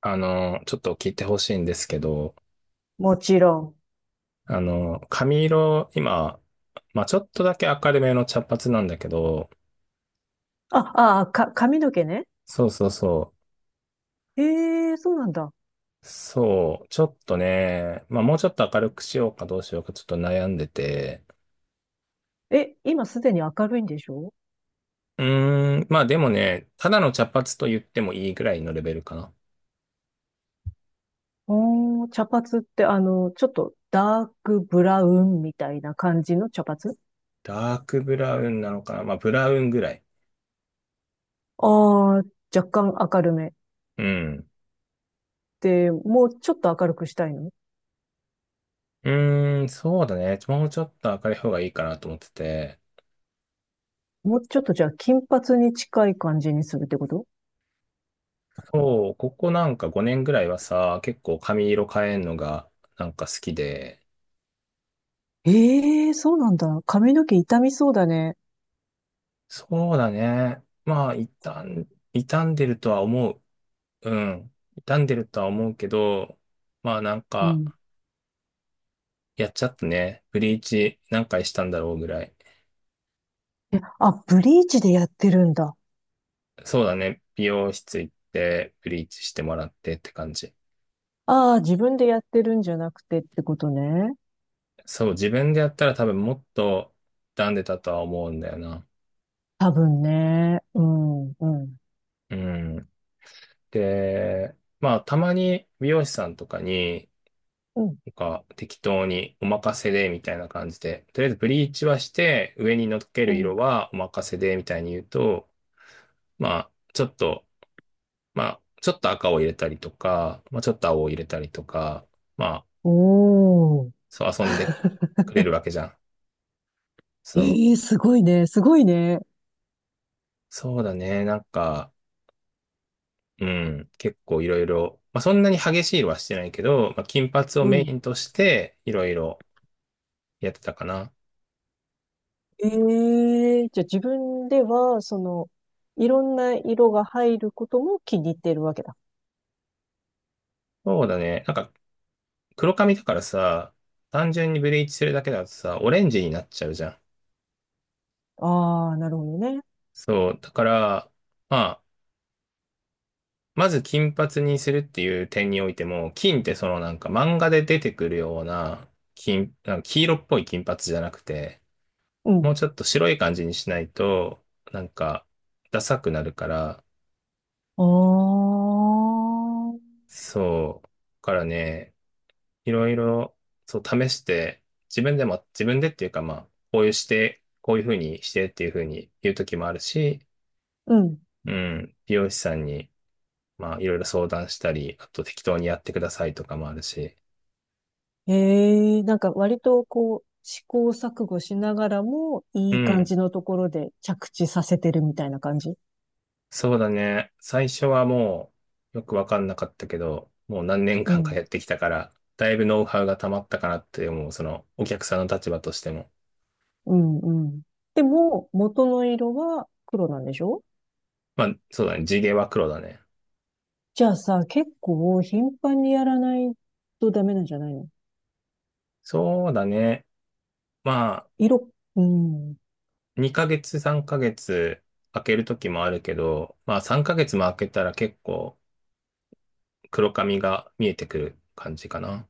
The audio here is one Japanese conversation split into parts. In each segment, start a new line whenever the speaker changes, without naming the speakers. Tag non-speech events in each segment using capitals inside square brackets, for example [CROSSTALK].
ちょっと聞いてほしいんですけど、
もちろん。
髪色、今、まあ、ちょっとだけ明るめの茶髪なんだけど、
あ、ああか、髪の毛ね。
そうそうそ
ええ、そうなんだ。
そう、ちょっとね、まあ、もうちょっと明るくしようかどうしようかちょっと悩んでて、
え、今すでに明るいんでしょ
うーん、まあでもね、ただの茶髪と言ってもいいぐらいのレベルかな。
おー、茶髪ってちょっとダークブラウンみたいな感じの茶髪？
ダークブラウンなのかな、まあ、ブラウンぐらい。
ああー、若干明るめ。
うん。
で、もうちょっと明るくしたいの？
うーん、そうだね。もうちょっと明るい方がいいかなと思ってて。
もうちょっとじゃあ金髪に近い感じにするってこと？
そう、ここなんか5年ぐらいはさ、結構髪色変えんのがなんか好きで、
ええ、そうなんだ。髪の毛傷みそうだね。
そうだね。まあ、傷んでるとは思う。うん。傷んでるとは思うけど、まあなん
う
か、
ん。
やっちゃったね。ブリーチ何回したんだろうぐらい。
あ、ブリーチでやってるんだ。
そうだね。美容室行って、ブリーチしてもらってって感じ。
ああ、自分でやってるんじゃなくてってことね。
そう、自分でやったら多分もっと傷んでたとは思うんだよな。
多分ね。うん、うん。
うん。で、まあ、たまに美容師さんとかに、
うん、
なんか適当にお任せでみたいな感じで、とりあえずブリーチはして上に乗っけ
う
る
ん。
色はお任せでみたいに言うと、まあちょっと、まあちょっと赤を入れたりとか、まあちょっと青を入れたりとか、まあ
おー。
そう遊んでくれるわけじゃん。そ
ええ、
う。
すごいね。すごいね。
そうだね。なんか、うん、結構いろいろ、まあそんなに激しい色はしてないけど、まあ金髪を
う
メ
ん。
インとしていろいろやってたかな。
ええ、じゃあ自分では、いろんな色が入ることも気に入っているわけだ。
そうだね。なんか黒髪だからさ、単純にブリーチするだけだとさ、オレンジになっちゃうじゃん。
ああ、なるほどね。
そう、だから、まあ、まず金髪にするっていう点においても、金ってそのなんか漫画で出てくるような金、なんか黄色っぽい金髪じゃなくて、
う
も
ん、
うちょっと白い感じにしないと、なんか、ダサくなるから、
ああ、
そう、だからね、いろいろ、そう、試して、自分でっていうかまあ、こういうして、こういうふうにしてっていうふうに言う時もあるし、
うん。
うん、美容師さんに、まあ、いろいろ相談したり、あと適当にやってくださいとかもあるし。
ええ、なんか割とこう、試行錯誤しながらも、
う
いい感
ん、
じのところで着地させてるみたいな感じ。
そうだね。最初はもう、よくわかんなかったけど、もう何年
う
間か
ん。
やってきたから、だいぶノウハウが溜まったかなって思う、その、お客さんの立場としても。
うんうん。でも、元の色は黒なんでしょ
まあ、そうだね。地毛は黒だね。
じゃあさ、結構頻繁にやらないとダメなんじゃないの？
そうだね。まあ、
色、うん。
2ヶ月、3ヶ月、開ける時もあるけど、まあ、3ヶ月も開けたら結構、黒髪が見えてくる感じかな。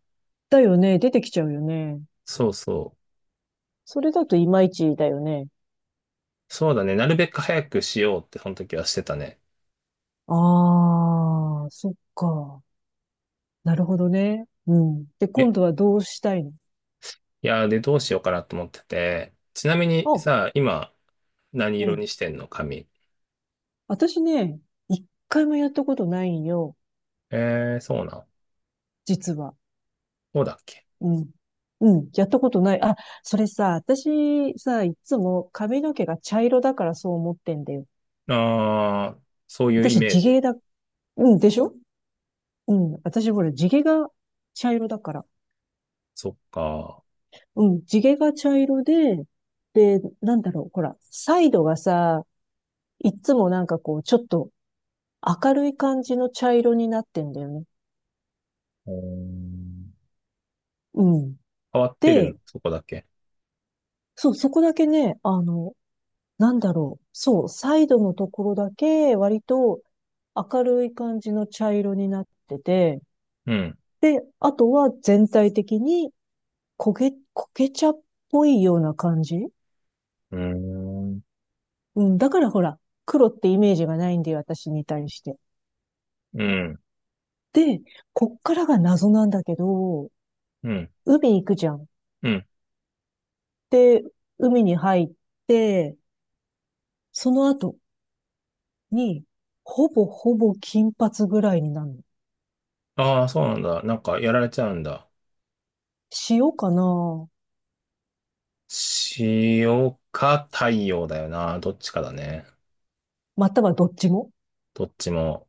だよね。出てきちゃうよね。
そうそう。
それだといまいちだよね。
そうだね。なるべく早くしようって、その時はしてたね。
ああ、そっか。なるほどね。うん。で、
え、
今度はどうしたいの？
いやー、で、どうしようかなと思ってて。ちなみに
あ、
さ、今、何
う
色
ん。
にしてんの髪。
私ね、一回もやったことないんよ。
えー、そうなん。
実は。
そうだっけ。
うん。うん。やったことない。あ、それさ、私さ、いつも髪の毛が茶色だからそう思ってんだよ。
あー、そういうイ
私
メー
地
ジ。
毛だ。うん、でしょう？ん。私ほら、地毛が茶色だから。
そっか。
うん。地毛が茶色で、なんだろう。ほら、サイドがさ、いつもなんかこう、ちょっと明るい感じの茶色になってんだよね。
うーん、
うん。
変わってるの、
で、
そこだけ。
そう、そこだけね、なんだろう。そう、サイドのところだけ割と明るい感じの茶色になってて、
うん。
で、あとは全体的に焦げ、焦げ茶っぽいような感じ。
うーん。
うん、だからほら、黒ってイメージがないんで、私に対して。
うん。
で、こっからが謎なんだけど、
うん。
海行くじゃん。
うん。
で、海に入って、その後に、ほぼほぼ金髪ぐらいになるの。
ああ、そうなんだ。なんか、やられちゃうんだ。
塩かな？
塩か太陽だよな。どっちかだね。
またはどっちも
どっちも。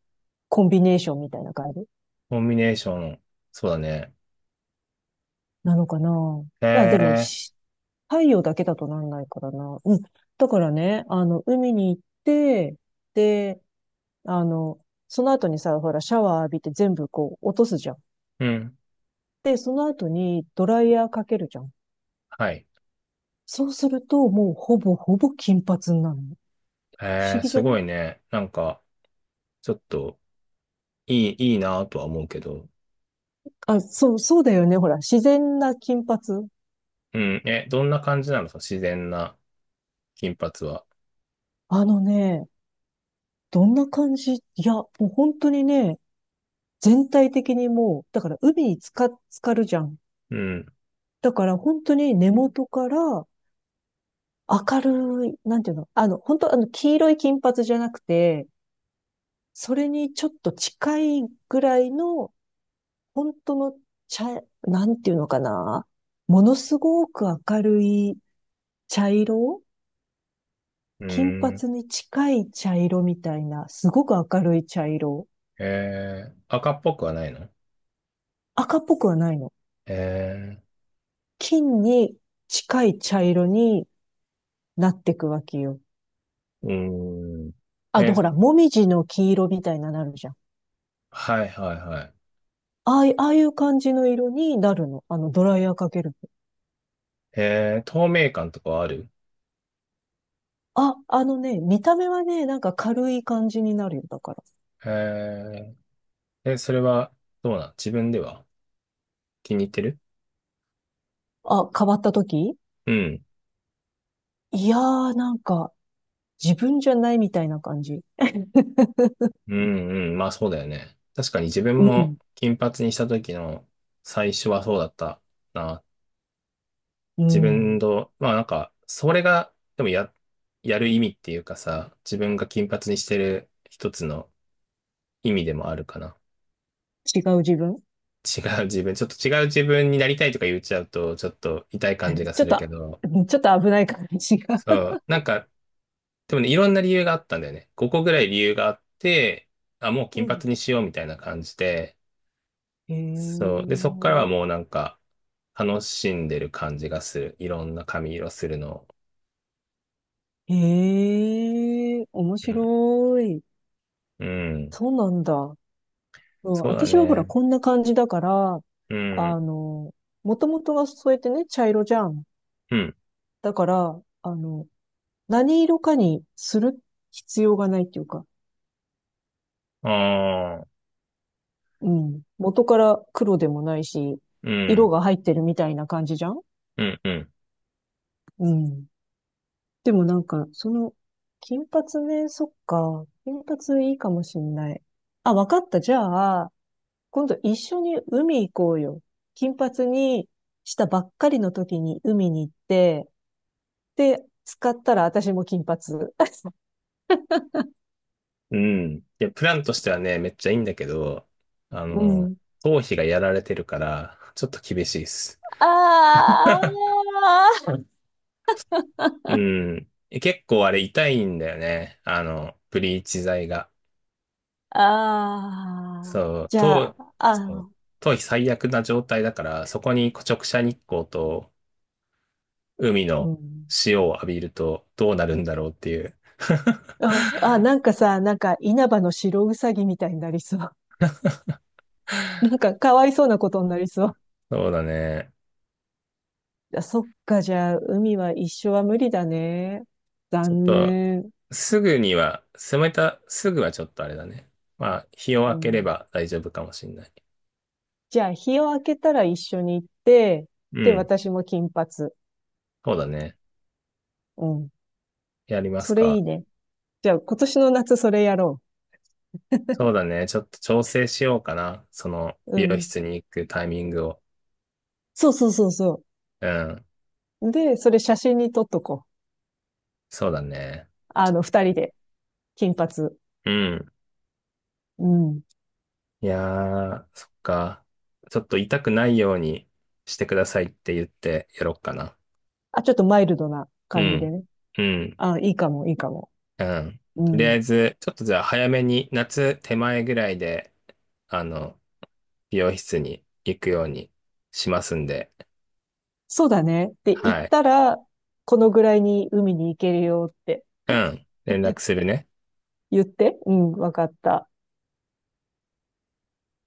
コンビネーションみたいな感じ
コンビネーション。そうだね。
なのかな。
へ
あ、でも、
え、
太陽だけだとなんないからな。うん。だからね、海に行って、で、あの、その後にさ、ほら、シャワー浴びて全部こう落とすじゃん。
うん。
で、その後にドライヤーかけるじゃん。
はい。
そうすると、もうほぼほぼ金髪になるの。不
へ
思
え、
議じ
す
ゃな
ご
い？
いね。なんか、ちょっと、いいなとは思うけど。
あ、そう、そうだよね。ほら、自然な金髪。
うん。え、どんな感じなのその自然な金髪は。
あのね、どんな感じいや、もう本当にね、全体的にもう、だから海に浸かるじゃん。
うん。
だから本当に根元から明るい、なんていうの、本当黄色い金髪じゃなくて、それにちょっと近いぐらいの、本当の茶、なんていうのかな。ものすごく明るい茶色、
う
金
ん。
髪に近い茶色みたいな、すごく明るい茶色。
へえ、赤っぽくはないの？
赤っぽくはないの。
へえ、
金に近い茶色になっていくわけよ。
うん。え、
ほら、もみじの黄色みたいななるじゃん。
はいはいはい。
ああいう感じの色になるの。ドライヤーかけると。
へえ、透明感とかはある？
あ、あのね、見た目はね、なんか軽い感じになるよ。だから。
へえ、え、それは、どうなん、自分では？気に入ってる？
あ、変わった時？
うん。
いやー、なんか、自分じゃないみたいな感じ。
うんうん。まあそうだよね。確かに自
う
分も
ん。
金髪にした時の最初はそうだったな。
う
自分
ん。
の、まあなんか、それが、でもや、やる意味っていうかさ、自分が金髪にしてる一つの意味でもあるかな。
違う自分。
違う自分、ちょっと違う自分になりたいとか言っちゃうと、ちょっと痛い感じが
[LAUGHS] ちょ
す
っ
るけ
と、
ど、
[LAUGHS] うん、ちょっと危ない感じが。
そう、なんか、でもね、いろんな理由があったんだよね。ここぐらい理由があって、あ、もう
[LAUGHS] う
金髪
ん。
にしようみたいな感じで、
へ
そう。で、そっからは
え。
もうなんか、楽しんでる感じがする。いろんな髪色するのを。
へえ、面
うん。
白い。
うん。
そうなんだ。うん、
そうだ
私はほら、
ね。
こんな感じだから、
うん。
あの、もともとがそうやってね、茶色じゃん。
うん。
だから、何色かにする必要がないっていうか、
ああ。
うん。元から黒でもないし、
う
色
ん。
が入ってるみたいな感じじゃん。
うん。うん。
うん。でもなんか、金髪ね、そっか。金髪いいかもしんない。あ、わかった。じゃあ、今度一緒に海行こうよ。金髪にしたばっかりの時に海に行って、で、使ったら私も金髪。[LAUGHS]
うん。いや、プランとしてはね、めっちゃいいんだけど、あ
う
の、
ん。
頭皮がやられてるから、ちょっと厳しいっす。
ああ、
う
[LAUGHS]
ん。え、結構あれ痛いんだよね。あの、ブリーチ剤が。
ああ、
そう。
じゃあ、
頭、
あ
そう、
あ、
頭皮最悪な状態だから、そこに直射日光と、海
う
の
ん。
潮を浴びるとどうなるんだろうっていう。
あ、あ、
[LAUGHS]
なんかさ、なんか稲葉の白うさぎみたいになりそう。[LAUGHS] なんかかわいそうなことになりそう。
そうだね。
あ、そっか、じゃあ、海は一緒は無理だね。
ちょっ
残
と、
念。
すぐには、冷めた、すぐはちょっとあれだね。まあ、日を
う
明けれ
ん。
ば大丈夫かもしんない。
じゃあ、日を明けたら一緒に行って、
う
で、
ん。
私も金髪。
そうだね。
うん。
やります
それいい
か。
ね。じゃあ、今年の夏それやろ
そうだね。ちょっと調整しようかな。その、
う。う
美容
ん。
室に行くタイミングを。
そうそうそうそ
うん。
う。で、それ写真に撮っとこう。
そうだね。ち
二
ょっ
人
と、
で、金髪。
うん。
うん。
いやー、そっか。ちょっと痛くないようにしてくださいって言ってやろうかな。
あ、ちょっとマイルドな
う
感じ
ん。
でね。
うん。
あ、いいかも、いいかも。
うん。
う
とりあ
ん。
えず、ちょっとじゃあ早めに、夏手前ぐらいで、あの、美容室に行くようにしますんで、
そうだね。って言っ
はい。
たら、このぐらいに海に行けるよって
うん。連絡するね。
言って、うん、わかった。